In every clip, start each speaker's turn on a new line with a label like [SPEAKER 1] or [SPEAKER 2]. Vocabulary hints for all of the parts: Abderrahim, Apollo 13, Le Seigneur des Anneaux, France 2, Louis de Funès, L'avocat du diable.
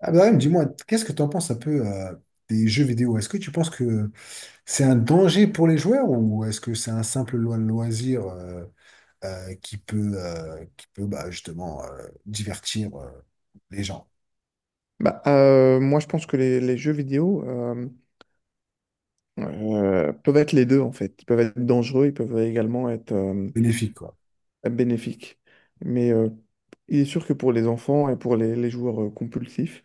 [SPEAKER 1] Abderrahim, dis-moi, qu'est-ce que tu en penses un peu des jeux vidéo? Est-ce que tu penses que c'est un danger pour les joueurs ou est-ce que c'est un simple loisir qui peut justement divertir les gens?
[SPEAKER 2] Moi, je pense que les jeux vidéo peuvent être les deux, en fait. Ils peuvent être dangereux, ils peuvent également être
[SPEAKER 1] Bénéfique, quoi.
[SPEAKER 2] bénéfiques. Mais il est sûr que pour les enfants et pour les joueurs compulsifs,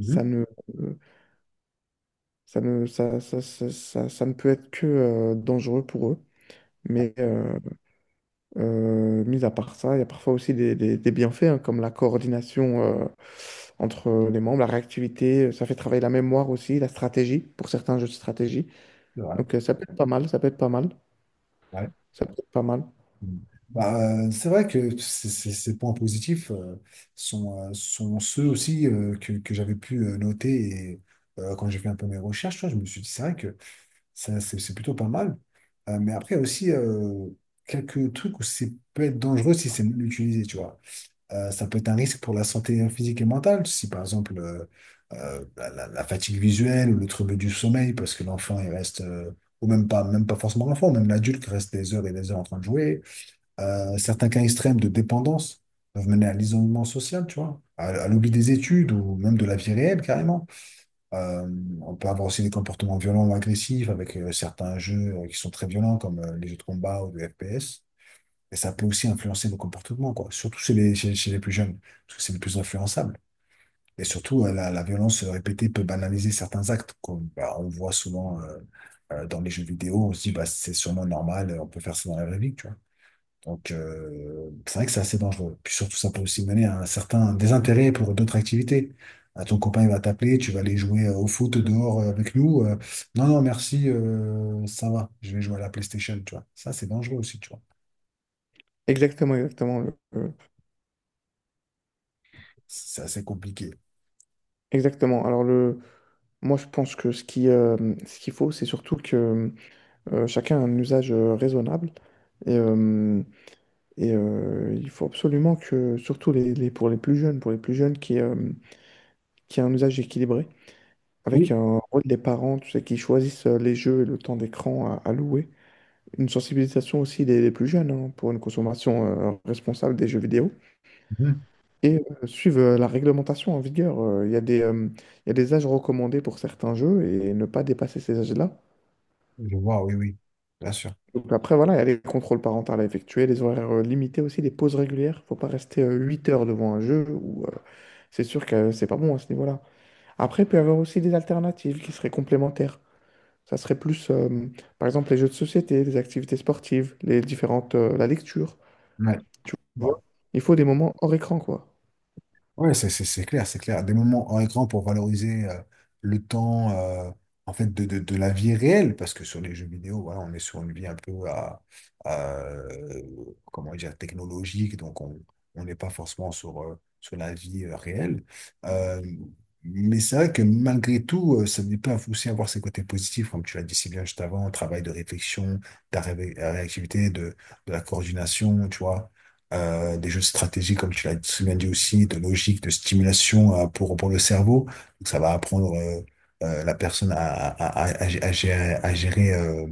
[SPEAKER 2] ça ne, euh, ça ne, ça- ça ne peut être que dangereux pour eux. Mais mis à part ça, il y a parfois aussi des bienfaits, hein, comme la coordination entre les membres, la réactivité, ça fait travailler la mémoire aussi, la stratégie, pour certains jeux de stratégie.
[SPEAKER 1] C'est vrai,
[SPEAKER 2] Donc ça peut être pas mal, ça peut être pas mal,
[SPEAKER 1] ouais.
[SPEAKER 2] ça peut être pas mal.
[SPEAKER 1] Mhm. Bah, c'est vrai que ces points positifs sont, sont ceux aussi que j'avais pu noter et, quand j'ai fait un peu mes recherches. Tu vois, je me suis dit, c'est vrai que ça, c'est plutôt pas mal. Mais après, il y a aussi quelques trucs où c'est peut être dangereux si c'est mal utilisé, tu vois. Ça peut être un risque pour la santé physique et mentale, si par exemple la fatigue visuelle ou le trouble du sommeil, parce que l'enfant, il reste, ou même pas forcément l'enfant, même l'adulte reste des heures et des heures en train de jouer. Certains cas extrêmes de dépendance peuvent mener à l'isolement social, tu vois, à l'oubli des études ou même de la vie réelle, carrément. Euh, on peut avoir aussi des comportements violents ou agressifs avec certains jeux qui sont très violents comme les jeux de combat ou de FPS. Et ça peut aussi influencer nos comportements, quoi. Surtout chez chez les plus jeunes, parce que c'est le plus influençable. Et surtout, la violence répétée peut banaliser certains actes, comme bah, on voit souvent dans les jeux vidéo. On se dit, bah, c'est sûrement normal, on peut faire ça dans la vraie vie, tu vois. Donc, c'est vrai que c'est assez dangereux. Puis surtout, ça peut aussi mener à un certain désintérêt pour d'autres activités. Ah, ton copain, il va t'appeler, tu vas aller jouer au foot dehors avec nous. Euh, non, non, merci, ça va, je vais jouer à la PlayStation, tu vois. Ça, c'est dangereux aussi, tu vois.
[SPEAKER 2] Exactement, exactement.
[SPEAKER 1] C'est assez compliqué.
[SPEAKER 2] Exactement. Alors moi je pense que ce qu'il faut, c'est surtout que chacun a un usage raisonnable. Et, euh, et il faut absolument que, surtout pour les plus jeunes, pour les plus jeunes qui a un usage équilibré, avec
[SPEAKER 1] Oui.
[SPEAKER 2] un rôle des parents, tu sais, qui choisissent les jeux et le temps d'écran à louer. Une sensibilisation aussi des plus jeunes hein, pour une consommation responsable des jeux vidéo.
[SPEAKER 1] Mhm.
[SPEAKER 2] Et suivent la réglementation en vigueur. Il y a il y a des âges recommandés pour certains jeux et ne pas dépasser ces âges-là.
[SPEAKER 1] Je vois, oui, oui, bien sûr.
[SPEAKER 2] Donc après, voilà, il y a les contrôles parentaux à effectuer, les horaires limités aussi, les pauses régulières. Faut pas rester 8 heures devant un jeu ou c'est sûr que c'est pas bon à ce niveau-là. Après, il peut y avoir aussi des alternatives qui seraient complémentaires. Ça serait plus, par exemple, les jeux de société, les activités sportives, les différentes, la lecture.
[SPEAKER 1] Ouais.
[SPEAKER 2] Tu
[SPEAKER 1] Ouais.
[SPEAKER 2] vois, il faut des moments hors écran, quoi.
[SPEAKER 1] Ouais, c'est clair, c'est clair. Des moments hors écran pour valoriser le temps en fait de la vie réelle, parce que sur les jeux vidéo, voilà, on est sur une vie un peu à, à, euh, comment dire, technologique, donc on n'est pas forcément sur, sur la vie réelle. Euh, mais c'est vrai que malgré tout, ça peut aussi avoir ses côtés positifs, comme tu l'as dit si bien juste avant, travail de réflexion, de réactivité, de la coordination, tu vois des jeux de stratégie, comme tu l'as très bien dit aussi, de logique, de stimulation pour le cerveau. Donc, ça va apprendre la personne à gérer, gérer,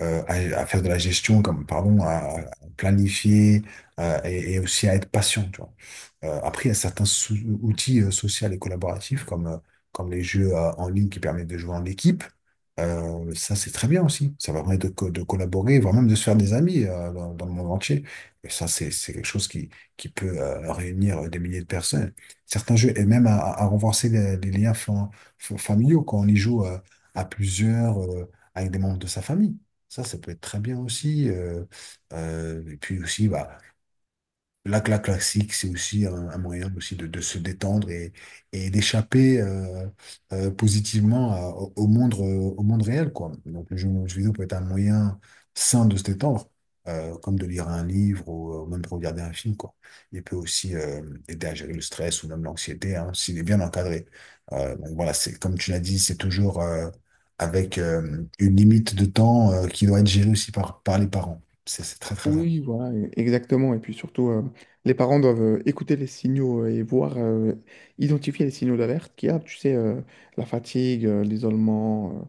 [SPEAKER 1] euh, à, à faire de la gestion, comme, pardon, à planifier et aussi à être patient, tu vois. Après, il y a certains outils sociaux et collaboratifs, comme, comme les jeux en ligne qui permettent de jouer en équipe. Ça, c'est très bien aussi. Ça va permettre de collaborer, voire même de se faire des amis dans, dans le monde entier. Et ça, c'est quelque chose qui peut réunir des milliers de personnes. Certains jeux, et même à renforcer les liens familiaux quand on y joue à plusieurs, avec des membres de sa famille. Ça peut être très bien aussi. Euh, et puis aussi, bah, la classique, c'est aussi un moyen aussi de se détendre et d'échapper positivement au monde réel, quoi. Donc, le jeu vidéo peut être un moyen sain de se détendre, comme de lire un livre ou même de regarder un film, quoi. Il peut aussi aider à gérer le stress ou même l'anxiété, hein, s'il est bien encadré. Donc, voilà, c'est comme tu l'as dit, c'est toujours avec une limite de temps qui doit être gérée aussi par, par les parents. C'est très, très important.
[SPEAKER 2] Oui, voilà, exactement. Et puis surtout, les parents doivent écouter les signaux et voir, identifier les signaux d'alerte qu'il y a. Tu sais, la fatigue, l'isolement,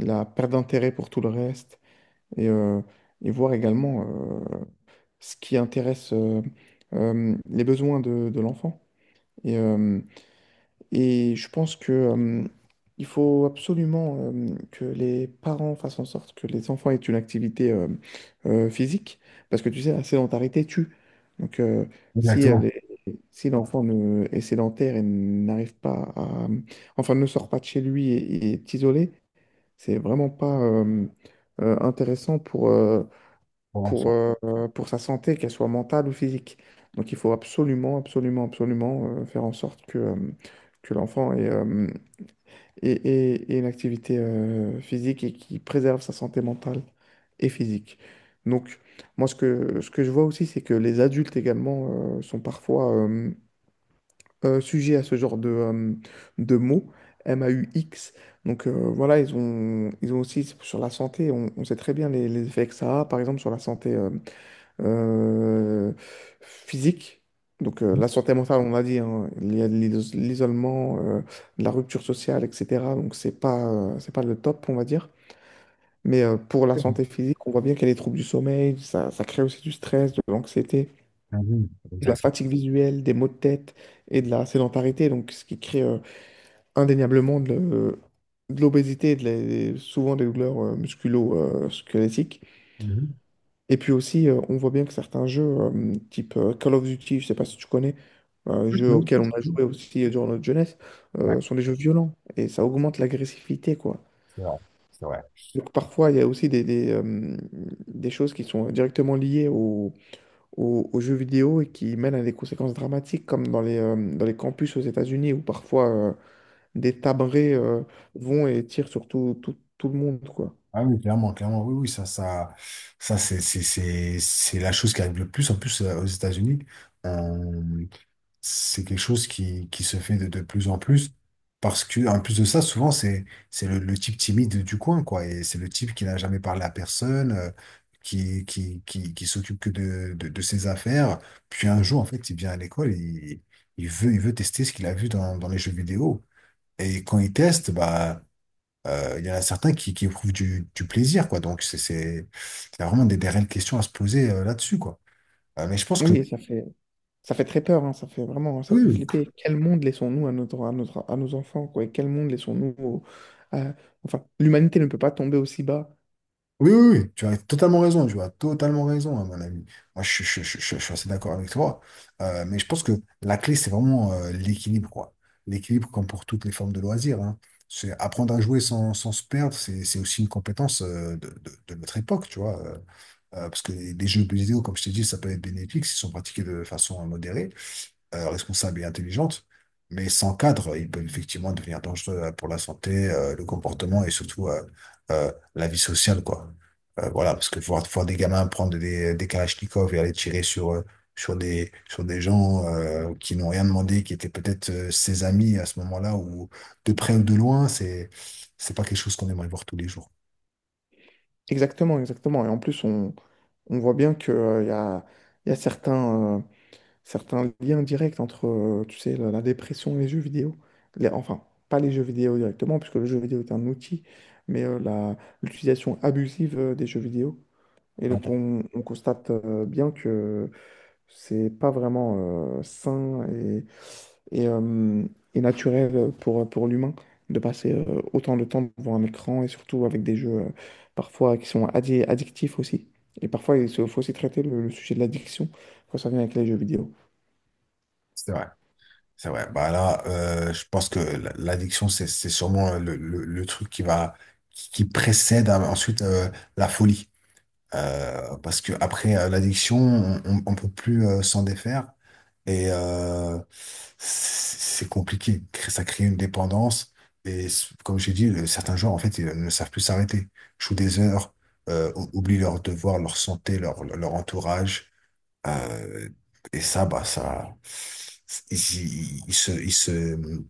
[SPEAKER 2] la perte d'intérêt pour tout le reste. Et, euh, et voir également euh, ce qui intéresse les besoins de l'enfant. Et, euh, et je pense que, il faut absolument que les parents fassent en sorte que les enfants aient une activité physique, parce que tu sais, la sédentarité tue. Donc, si, elle
[SPEAKER 1] Exactement,
[SPEAKER 2] est- si l'enfant est sédentaire et n'arrive pas à… Enfin, ne sort pas de chez lui et est isolé, c'est vraiment pas intéressant
[SPEAKER 1] pour l'enfant.
[SPEAKER 2] pour sa santé, qu'elle soit mentale ou physique. Donc il faut absolument, absolument, absolument faire en sorte que l'enfant ait une activité physique et qui préserve sa santé mentale et physique. Donc moi, ce que je vois aussi, c'est que les adultes également sont parfois sujets à ce genre de mots, M-A-U-X. Donc voilà, ils ont aussi sur la santé, on sait très bien les effets que ça a, par exemple sur la santé euh, physique. Donc la santé mentale, on a dit, hein, il y a l'isolement, la rupture sociale, etc. Donc c'est pas le top, on va dire. Mais pour la santé physique, on voit bien qu'il y a des troubles du sommeil, ça crée aussi du stress, de l'anxiété,
[SPEAKER 1] Ah oui,
[SPEAKER 2] de la
[SPEAKER 1] exactement.
[SPEAKER 2] fatigue visuelle, des maux de tête et de la sédentarité, donc ce qui crée indéniablement de l'obésité et souvent des douleurs musculo-squelettiques.
[SPEAKER 1] Mhm.
[SPEAKER 2] Et puis aussi, on voit bien que certains jeux, type Call of Duty, je sais pas si tu connais, un
[SPEAKER 1] Oui,
[SPEAKER 2] jeu
[SPEAKER 1] oui,
[SPEAKER 2] auquel on a
[SPEAKER 1] oui.
[SPEAKER 2] joué aussi durant notre jeunesse,
[SPEAKER 1] Ouais,
[SPEAKER 2] sont des jeux violents et ça augmente l'agressivité, quoi.
[SPEAKER 1] c'est vrai, c'est vrai.
[SPEAKER 2] Donc parfois, il y a aussi des choses qui sont directement liées aux jeux vidéo et qui mènent à des conséquences dramatiques, comme dans dans les campus aux États-Unis, où parfois des tabrés vont et tirent sur tout, tout, tout le monde, quoi.
[SPEAKER 1] Ah oui, clairement, clairement, oui, oui, ça, c'est la chose qui arrive le plus. En plus, aux États-Unis, euh, c'est quelque chose qui se fait de plus en plus. Parce que, en plus de ça, souvent, c'est le type timide du coin, quoi. Et c'est le type qui n'a jamais parlé à personne, qui s'occupe que de ses affaires. Puis un jour, en fait, il vient à l'école et il, il veut tester ce qu'il a vu dans, dans les jeux vidéo. Et quand ils testent, bah, il y en a certains qui éprouvent du plaisir, quoi. Donc, c'est vraiment des réelles questions à se poser là-dessus, quoi. Mais je pense que
[SPEAKER 2] Oui, et ça fait, Ça fait très peur, hein, ça fait vraiment, ça
[SPEAKER 1] oui,
[SPEAKER 2] fait
[SPEAKER 1] oui.
[SPEAKER 2] flipper. Quel monde laissons-nous à notre, à notre, à nos enfants, quoi, et quel monde laissons-nous à- enfin, l'humanité ne peut pas tomber aussi bas.
[SPEAKER 1] Oui, oui, oui, tu as totalement raison, tu as totalement raison, à mon avis. Moi, je suis assez d'accord avec toi. Mais je pense que la clé, c'est vraiment l'équilibre, quoi. L'équilibre, comme pour toutes les formes de loisirs, hein. C'est apprendre à jouer sans, sans se perdre, c'est aussi une compétence de notre époque, tu vois. Euh, parce que les jeux vidéo, comme je t'ai dit, ça peut être bénéfique s'ils sont pratiqués de façon modérée responsable et intelligente, mais sans cadre, il peut effectivement devenir dangereux pour la santé, le comportement et surtout la vie sociale, quoi. Voilà, parce que voir des gamins prendre des kalachnikovs et aller tirer sur, sur des gens qui n'ont rien demandé, qui étaient peut-être ses amis à ce moment-là, ou de près ou de loin, c'est pas quelque chose qu'on aimerait voir tous les jours.
[SPEAKER 2] Exactement, exactement. Et en plus, on voit bien que, y a certains, certains liens directs entre, tu sais, la dépression et les jeux vidéo. Enfin, pas les jeux vidéo directement, puisque le jeu vidéo est un outil, mais l'utilisation abusive des jeux vidéo. Et donc, on constate bien que c'est pas vraiment sain et et naturel pour l'humain de passer autant de temps devant un écran et surtout avec des jeux parfois qui sont addictifs aussi. Et parfois, faut aussi traiter le sujet de l'addiction quand ça vient avec les jeux vidéo.
[SPEAKER 1] C'est vrai. C'est vrai. Bah là, je pense que l'addiction, c'est sûrement le truc qui va qui précède ensuite la folie. Parce que après l'addiction, on, on peut plus s'en défaire et c'est compliqué. Ça crée une dépendance et comme j'ai dit, certains joueurs en fait ils ne savent plus s'arrêter. Jouent des heures, oublient leurs devoirs, leur santé, leur entourage. Euh, et ça, bah, ça, il se, il se,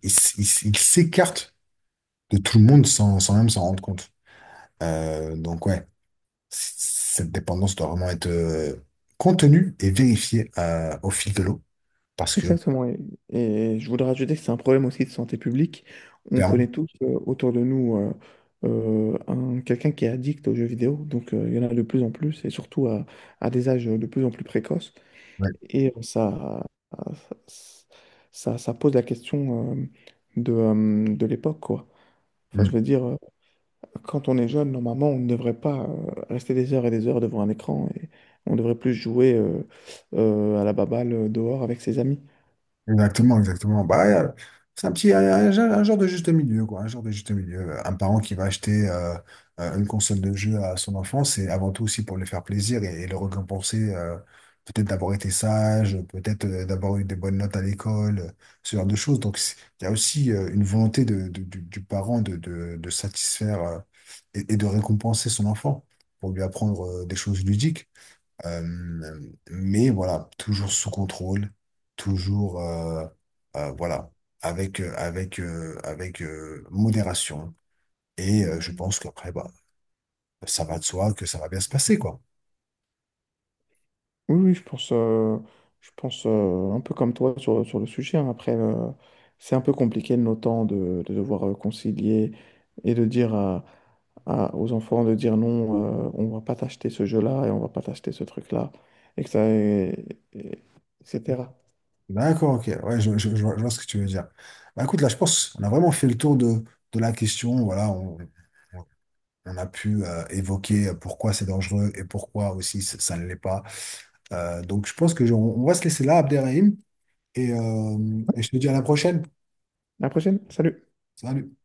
[SPEAKER 1] il, s- il s- il s'écarte de tout le monde sans, sans même s'en rendre compte. Donc, ouais, cette dépendance doit vraiment être contenue et vérifiée au fil de l'eau. Parce que,
[SPEAKER 2] Exactement, et je voudrais ajouter que c'est un problème aussi de santé publique. On
[SPEAKER 1] clairement,
[SPEAKER 2] connaît tous autour de nous un, quelqu'un qui est addict aux jeux vidéo, donc il y en a de plus en plus, et surtout à des âges de plus en plus précoces.
[SPEAKER 1] ouais.
[SPEAKER 2] Et ça, ça pose la question de l'époque, quoi. Enfin, je
[SPEAKER 1] Mm.
[SPEAKER 2] veux dire, quand on est jeune, normalement, on ne devrait pas rester des heures et des heures devant un écran, et on devrait plus jouer à la baballe dehors avec ses amis.
[SPEAKER 1] Exactement, exactement. Bah, c'est un petit, un, un genre de juste milieu, quoi. Un genre de juste milieu. Un parent qui va acheter une console de jeu à son enfant, c'est avant tout aussi pour lui faire plaisir et le récompenser, peut-être d'avoir été sage, peut-être d'avoir eu des bonnes notes à l'école, ce genre de choses. Donc, c'est- il y a aussi une volonté du parent de satisfaire et de récompenser son enfant pour lui apprendre des choses ludiques. Euh, mais voilà, toujours sous contrôle, toujours voilà, avec modération. Et je pense qu'après, bah, ça va de soi que ça va bien se passer, quoi.
[SPEAKER 2] Oui, oui, je pense un peu comme toi sur, sur le sujet. Hein. Après, c'est un peu compliqué de nos temps de devoir concilier et de dire aux enfants de dire non, on va pas t'acheter ce jeu-là et on va pas t'acheter ce truc-là, et que ça, et- etc.
[SPEAKER 1] D'accord, ok. Ouais, je vois ce que tu veux dire. Bah, écoute, là, je pense qu'on a vraiment fait le tour de la question. Voilà, on a pu évoquer pourquoi c'est dangereux et pourquoi aussi ça ne l'est pas. Donc je pense que on va se laisser là, Abderrahim, et je te dis à la prochaine.
[SPEAKER 2] À la prochaine, salut!
[SPEAKER 1] Salut.